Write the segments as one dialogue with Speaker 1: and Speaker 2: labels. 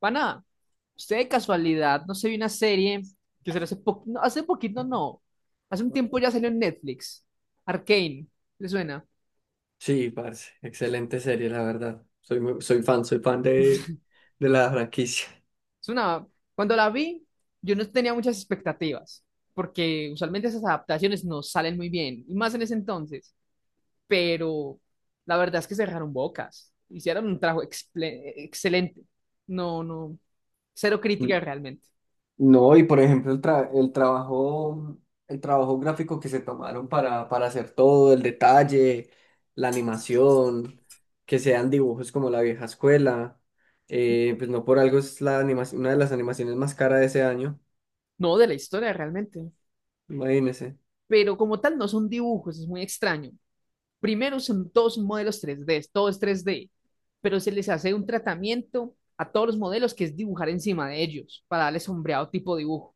Speaker 1: Pana, usted de casualidad no se vio una serie que se hace poquito, no, hace un tiempo ya salió en Netflix, Arcane, ¿le suena?
Speaker 2: Sí, parce, excelente serie, la verdad. Soy soy fan, de la franquicia.
Speaker 1: Es una, cuando la vi, yo no tenía muchas expectativas, porque usualmente esas adaptaciones no salen muy bien, y más en ese entonces, pero la verdad es que se dejaron bocas, hicieron un trabajo excelente, no, no, cero crítica
Speaker 2: N-
Speaker 1: realmente,
Speaker 2: No, y por ejemplo, el trabajo gráfico que se tomaron para hacer todo, el detalle, la animación, que sean dibujos como la vieja escuela, pues no por algo es la animación, una de las animaciones más caras de ese año,
Speaker 1: no de la historia realmente,
Speaker 2: imagínense,
Speaker 1: pero como tal no son dibujos, es muy extraño. Primero son todos modelos tres d, todo es 3D, pero se les hace un tratamiento a todos los modelos que es dibujar encima de ellos para darle sombreado tipo dibujo.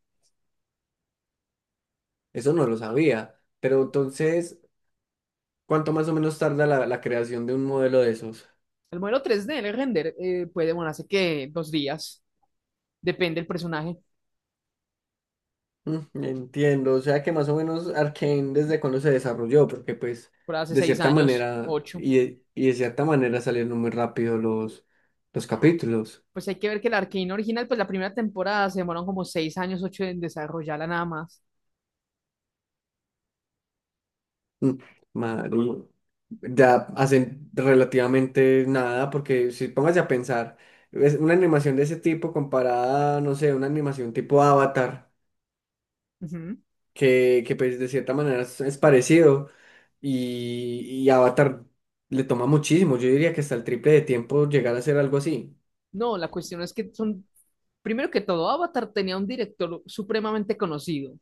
Speaker 2: eso no lo sabía, pero entonces, ¿cuánto más o menos tarda la creación de un modelo de esos?
Speaker 1: El modelo tres d, el render, puede demorarse que dos días, depende del personaje,
Speaker 2: Mm, entiendo, o sea que más o menos Arkane desde cuando se desarrolló, porque pues
Speaker 1: por hace
Speaker 2: de
Speaker 1: seis
Speaker 2: cierta
Speaker 1: años,
Speaker 2: manera
Speaker 1: ocho.
Speaker 2: y de cierta manera salieron muy rápido los capítulos.
Speaker 1: Pues hay que ver que el Arcane original, pues la primera temporada se demoraron como seis años, ocho en desarrollarla nada más.
Speaker 2: Mm, marica, ya hacen relativamente nada, porque si póngase a pensar, es una animación de ese tipo comparada, no sé, una animación tipo Avatar,
Speaker 1: Ujú.
Speaker 2: que pues de cierta manera es parecido y Avatar le toma muchísimo, yo diría que hasta el triple de tiempo llegar a hacer algo así.
Speaker 1: No, la cuestión es que son, primero que todo, Avatar tenía un director supremamente conocido,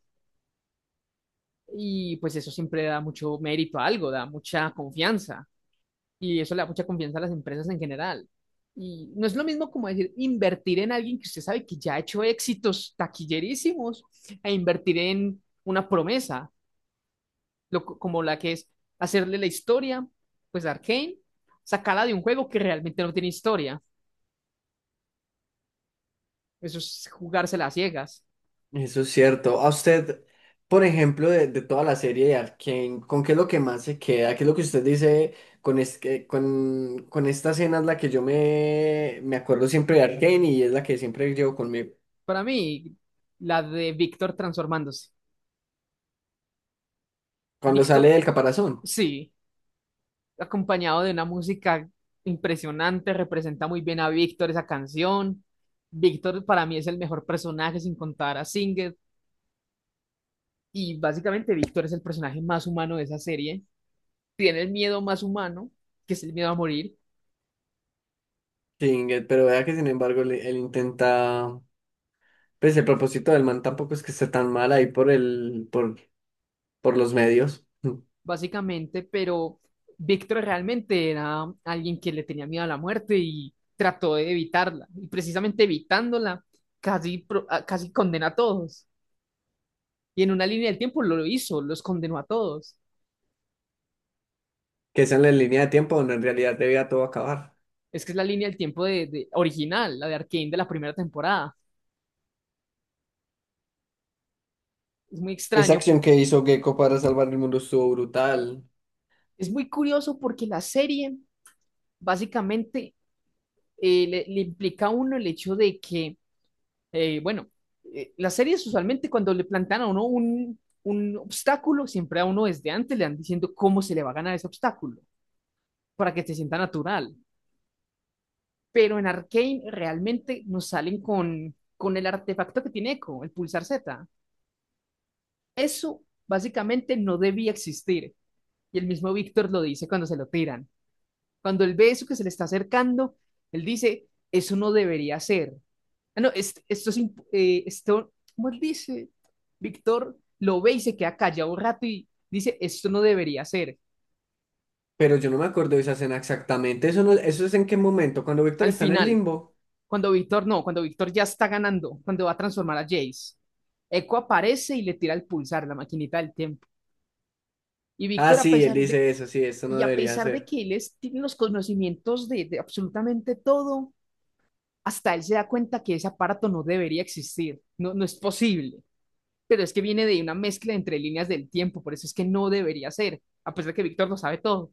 Speaker 1: y pues eso siempre da mucho mérito a algo, da mucha confianza y eso le da mucha confianza a las empresas en general. Y no es lo mismo como decir invertir en alguien que usted sabe que ya ha hecho éxitos taquillerísimos a invertir en una promesa, como la que es hacerle la historia, pues a Arcane, sacarla de un juego que realmente no tiene historia. Eso es jugársela a ciegas.
Speaker 2: Eso es cierto. A usted, por ejemplo, de toda la serie de Arkane, ¿con qué es lo que más se queda? ¿Qué es lo que usted dice con esta escena es la que yo me acuerdo siempre de Arkane y es la que siempre llevo conmigo?
Speaker 1: Para mí, la de Víctor transformándose.
Speaker 2: Cuando sale
Speaker 1: Víctor,
Speaker 2: del caparazón.
Speaker 1: sí, acompañado de una música impresionante, representa muy bien a Víctor esa canción. Víctor para mí es el mejor personaje sin contar a Singer y básicamente Víctor es el personaje más humano de esa serie. Tiene el miedo más humano, que es el miedo a morir,
Speaker 2: Sí, pero vea que sin embargo él intenta, pues el propósito del man tampoco es que esté tan mal ahí por los medios.
Speaker 1: básicamente, pero Víctor realmente era alguien que le tenía miedo a la muerte y trató de evitarla. Y precisamente evitándola, casi, casi condena a todos. Y en una línea del tiempo lo hizo, los condenó a todos.
Speaker 2: Que es en la línea de tiempo donde en realidad debía todo acabar.
Speaker 1: Es que es la línea del tiempo de original, la de Arcane de la primera temporada. Es muy
Speaker 2: Esa
Speaker 1: extraño.
Speaker 2: acción que hizo Gecko para salvar el mundo estuvo brutal.
Speaker 1: Es muy curioso porque la serie básicamente le implica a uno el hecho de que, eh, bueno, las series usualmente cuando le plantean a uno un obstáculo, siempre a uno desde antes le van diciendo cómo se le va a ganar ese obstáculo para que se sienta natural. Pero en Arcane realmente nos salen con el artefacto que tiene Echo, el pulsar Z. Eso básicamente no debía existir. Y el mismo Víctor lo dice cuando se lo tiran. Cuando él ve eso que se le está acercando, él dice, eso no debería ser. Ah, no, esto es, esto, ¿cómo él dice? Víctor lo ve y se queda callado un rato y dice, esto no debería ser.
Speaker 2: Pero yo no me acuerdo de esa escena exactamente. Eso no, eso es en qué momento, cuando Víctor
Speaker 1: Al
Speaker 2: está en el
Speaker 1: final,
Speaker 2: limbo.
Speaker 1: cuando Víctor no, cuando Víctor ya está ganando, cuando va a transformar a Jace, Echo aparece y le tira el pulsar, la maquinita del tiempo. Y
Speaker 2: Ah,
Speaker 1: Víctor, a
Speaker 2: sí, él
Speaker 1: pesar de,
Speaker 2: dice eso, sí, esto no
Speaker 1: y a
Speaker 2: debería
Speaker 1: pesar de
Speaker 2: ser.
Speaker 1: que tiene los conocimientos de absolutamente todo, hasta él se da cuenta que ese aparato no debería existir, no, no es posible, pero es que viene de una mezcla entre líneas del tiempo, por eso es que no debería ser, a pesar de que Víctor lo sabe todo.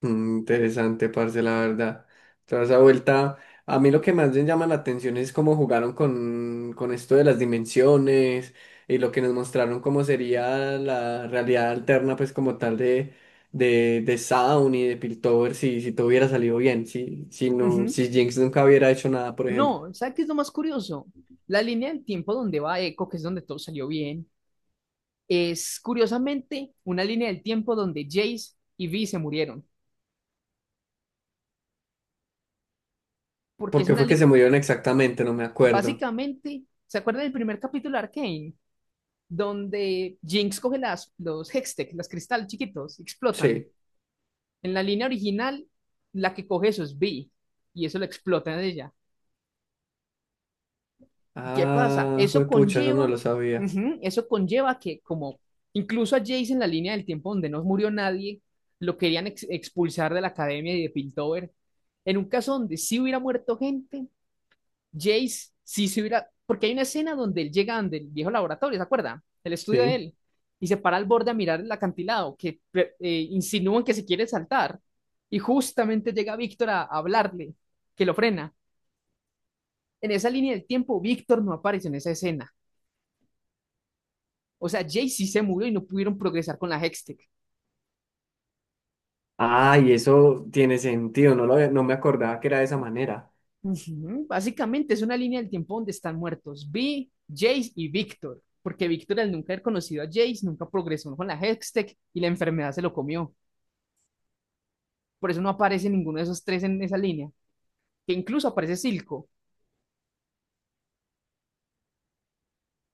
Speaker 2: Mm, interesante, parce, la verdad. Toda esa vuelta. A mí lo que más me llama la atención es cómo jugaron con esto de las dimensiones y lo que nos mostraron cómo sería la realidad alterna, pues como tal de Sound y de Piltover, si todo hubiera salido bien, no,
Speaker 1: Ujú.
Speaker 2: si Jinx nunca hubiera hecho nada, por ejemplo.
Speaker 1: No, ¿sabes qué es lo más curioso? La línea del tiempo donde va Echo, que es donde todo salió bien, es curiosamente una línea del tiempo donde Jace y Vi se murieron. Porque
Speaker 2: ¿Por
Speaker 1: es
Speaker 2: qué
Speaker 1: una
Speaker 2: fue que se
Speaker 1: línea.
Speaker 2: murieron exactamente? No me acuerdo.
Speaker 1: Básicamente, ¿se acuerdan del primer capítulo de Arcane? Donde Jinx coge los Hextech, los cristales chiquitos, explotan.
Speaker 2: Sí.
Speaker 1: En la línea original, la que coge eso es B y eso lo explota en ella. ¿Y qué pasa?
Speaker 2: Ah,
Speaker 1: Eso
Speaker 2: juepucha, eso no
Speaker 1: conlleva,
Speaker 2: lo sabía.
Speaker 1: ujú, eso conlleva que, como incluso a Jace en la línea del tiempo donde no murió nadie, lo querían expulsar de la academia y de Piltover. En un caso donde sí hubiera muerto gente, Jace sí se hubiera, porque hay una escena donde él llega donde el viejo laboratorio, ¿se acuerda? El estudio de
Speaker 2: Sí.
Speaker 1: él, y se para al borde a mirar el acantilado, que insinúan que se quiere saltar, y justamente llega Víctor a hablarle, que lo frena. En esa línea del tiempo, Víctor no aparece en esa escena. O sea, Jay sí se murió y no pudieron progresar con la Hextech.
Speaker 2: Ah, y eso tiene sentido, no me acordaba que era de esa manera.
Speaker 1: Ujú. Básicamente es una línea del tiempo donde están muertos Vi, Jace y Víctor, porque Víctor, al nunca haber conocido a Jace, nunca progresó con la Hextech y la enfermedad se lo comió. Por eso no aparece ninguno de esos tres en esa línea, que incluso aparece Silco.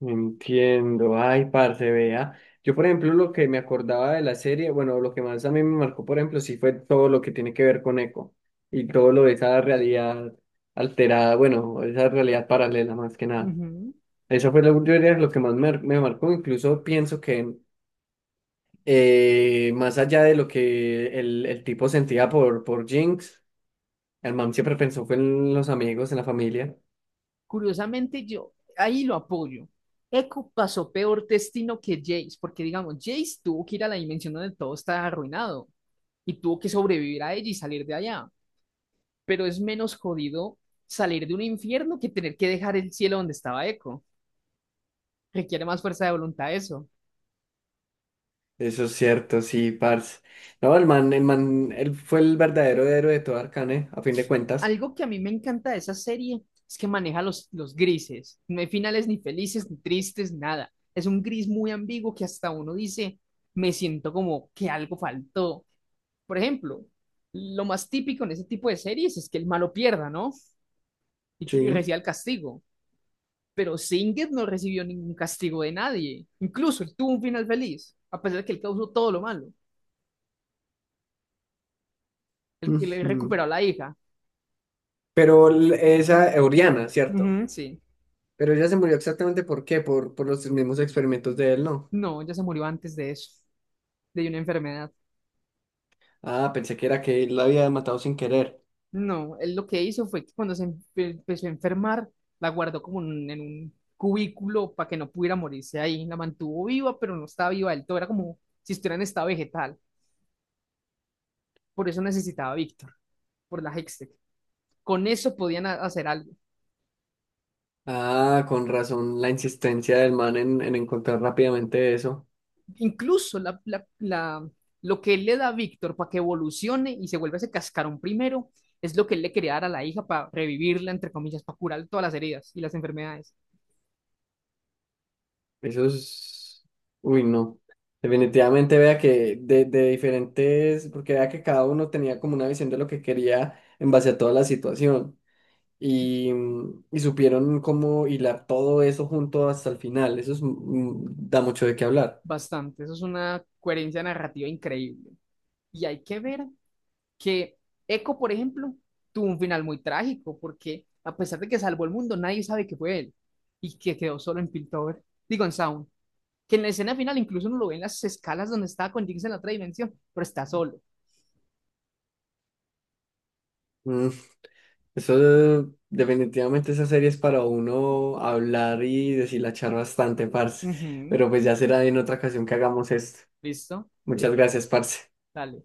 Speaker 2: Entiendo, ay, parce, vea. Yo, por ejemplo, lo que me acordaba de la serie, bueno, lo que más a mí me marcó, por ejemplo, sí fue todo lo que tiene que ver con Eco y todo lo de esa realidad alterada, bueno, esa realidad paralela más que nada.
Speaker 1: Ujú.
Speaker 2: Eso fue lo, yo diría, lo que más me marcó, incluso pienso que más allá de lo que el tipo sentía por Jinx, el man siempre pensó fue en los amigos, en la familia.
Speaker 1: Curiosamente, yo ahí lo apoyo. Echo pasó peor destino que Jace, porque digamos, Jace tuvo que ir a la dimensión donde todo está arruinado y tuvo que sobrevivir a ella y salir de allá. Pero es menos jodido salir de un infierno que tener que dejar el cielo donde estaba Echo. Requiere más fuerza de voluntad eso.
Speaker 2: Eso es cierto, sí, parce. No, el man, él fue el verdadero héroe de todo Arcane, a fin de cuentas.
Speaker 1: Algo que a mí me encanta de esa serie es que maneja los grises. No hay finales ni felices, ni tristes, nada. Es un gris muy ambiguo que hasta uno dice, me siento como que algo faltó. Por ejemplo, lo más típico en ese tipo de series es que el malo pierda, ¿no? Y que
Speaker 2: Sí.
Speaker 1: reciba el castigo. Pero Singet no recibió ningún castigo de nadie. Incluso él tuvo un final feliz, a pesar de que él causó todo lo malo. El que le
Speaker 2: Ujú.
Speaker 1: recuperó a la hija.
Speaker 2: Pero esa Euriana, ¿cierto?
Speaker 1: Ujú. Sí.
Speaker 2: Pero ella se murió exactamente por qué, por los mismos experimentos de él, ¿no?
Speaker 1: No, ya se murió antes de eso, de una enfermedad.
Speaker 2: Ah, pensé que era que él la había matado sin querer.
Speaker 1: No, él lo que hizo fue que cuando se empezó a enfermar, la guardó como en un cubículo para que no pudiera morirse ahí. La mantuvo viva, pero no estaba viva del todo. Era como si estuviera en estado vegetal. Por eso necesitaba a Víctor, por la Hextech. Con eso podían hacer algo.
Speaker 2: Ah, con razón la insistencia del man en encontrar rápidamente eso.
Speaker 1: Incluso lo que él le da a Víctor para que evolucione y se vuelva ese cascarón primero, es lo que él le quería dar a la hija para revivirla, entre comillas, para curar todas las heridas y las enfermedades.
Speaker 2: Eso es... Uy, no. Definitivamente vea que de diferentes, porque vea que cada uno tenía como una visión de lo que quería en base a toda la situación y, mm, y supieron cómo hilar todo eso junto hasta el final. Eso es, mm, da mucho de qué hablar.
Speaker 1: Bastante. Eso es una coherencia narrativa increíble. Y hay que ver que eco, por ejemplo, tuvo un final muy trágico porque a pesar de que salvó el mundo, nadie sabe que fue él y que quedó solo en Piltover, digo en Sound, que en la escena final incluso no lo ven las escalas donde estaba con Jinx en la otra dimensión, pero está solo.
Speaker 2: Mm, eso definitivamente esa serie es para uno hablar y deshilachar bastante, parce.
Speaker 1: Ujú.
Speaker 2: Pero pues ya será en otra ocasión que hagamos esto.
Speaker 1: Listo,
Speaker 2: Muchas gracias, parce.
Speaker 1: dale.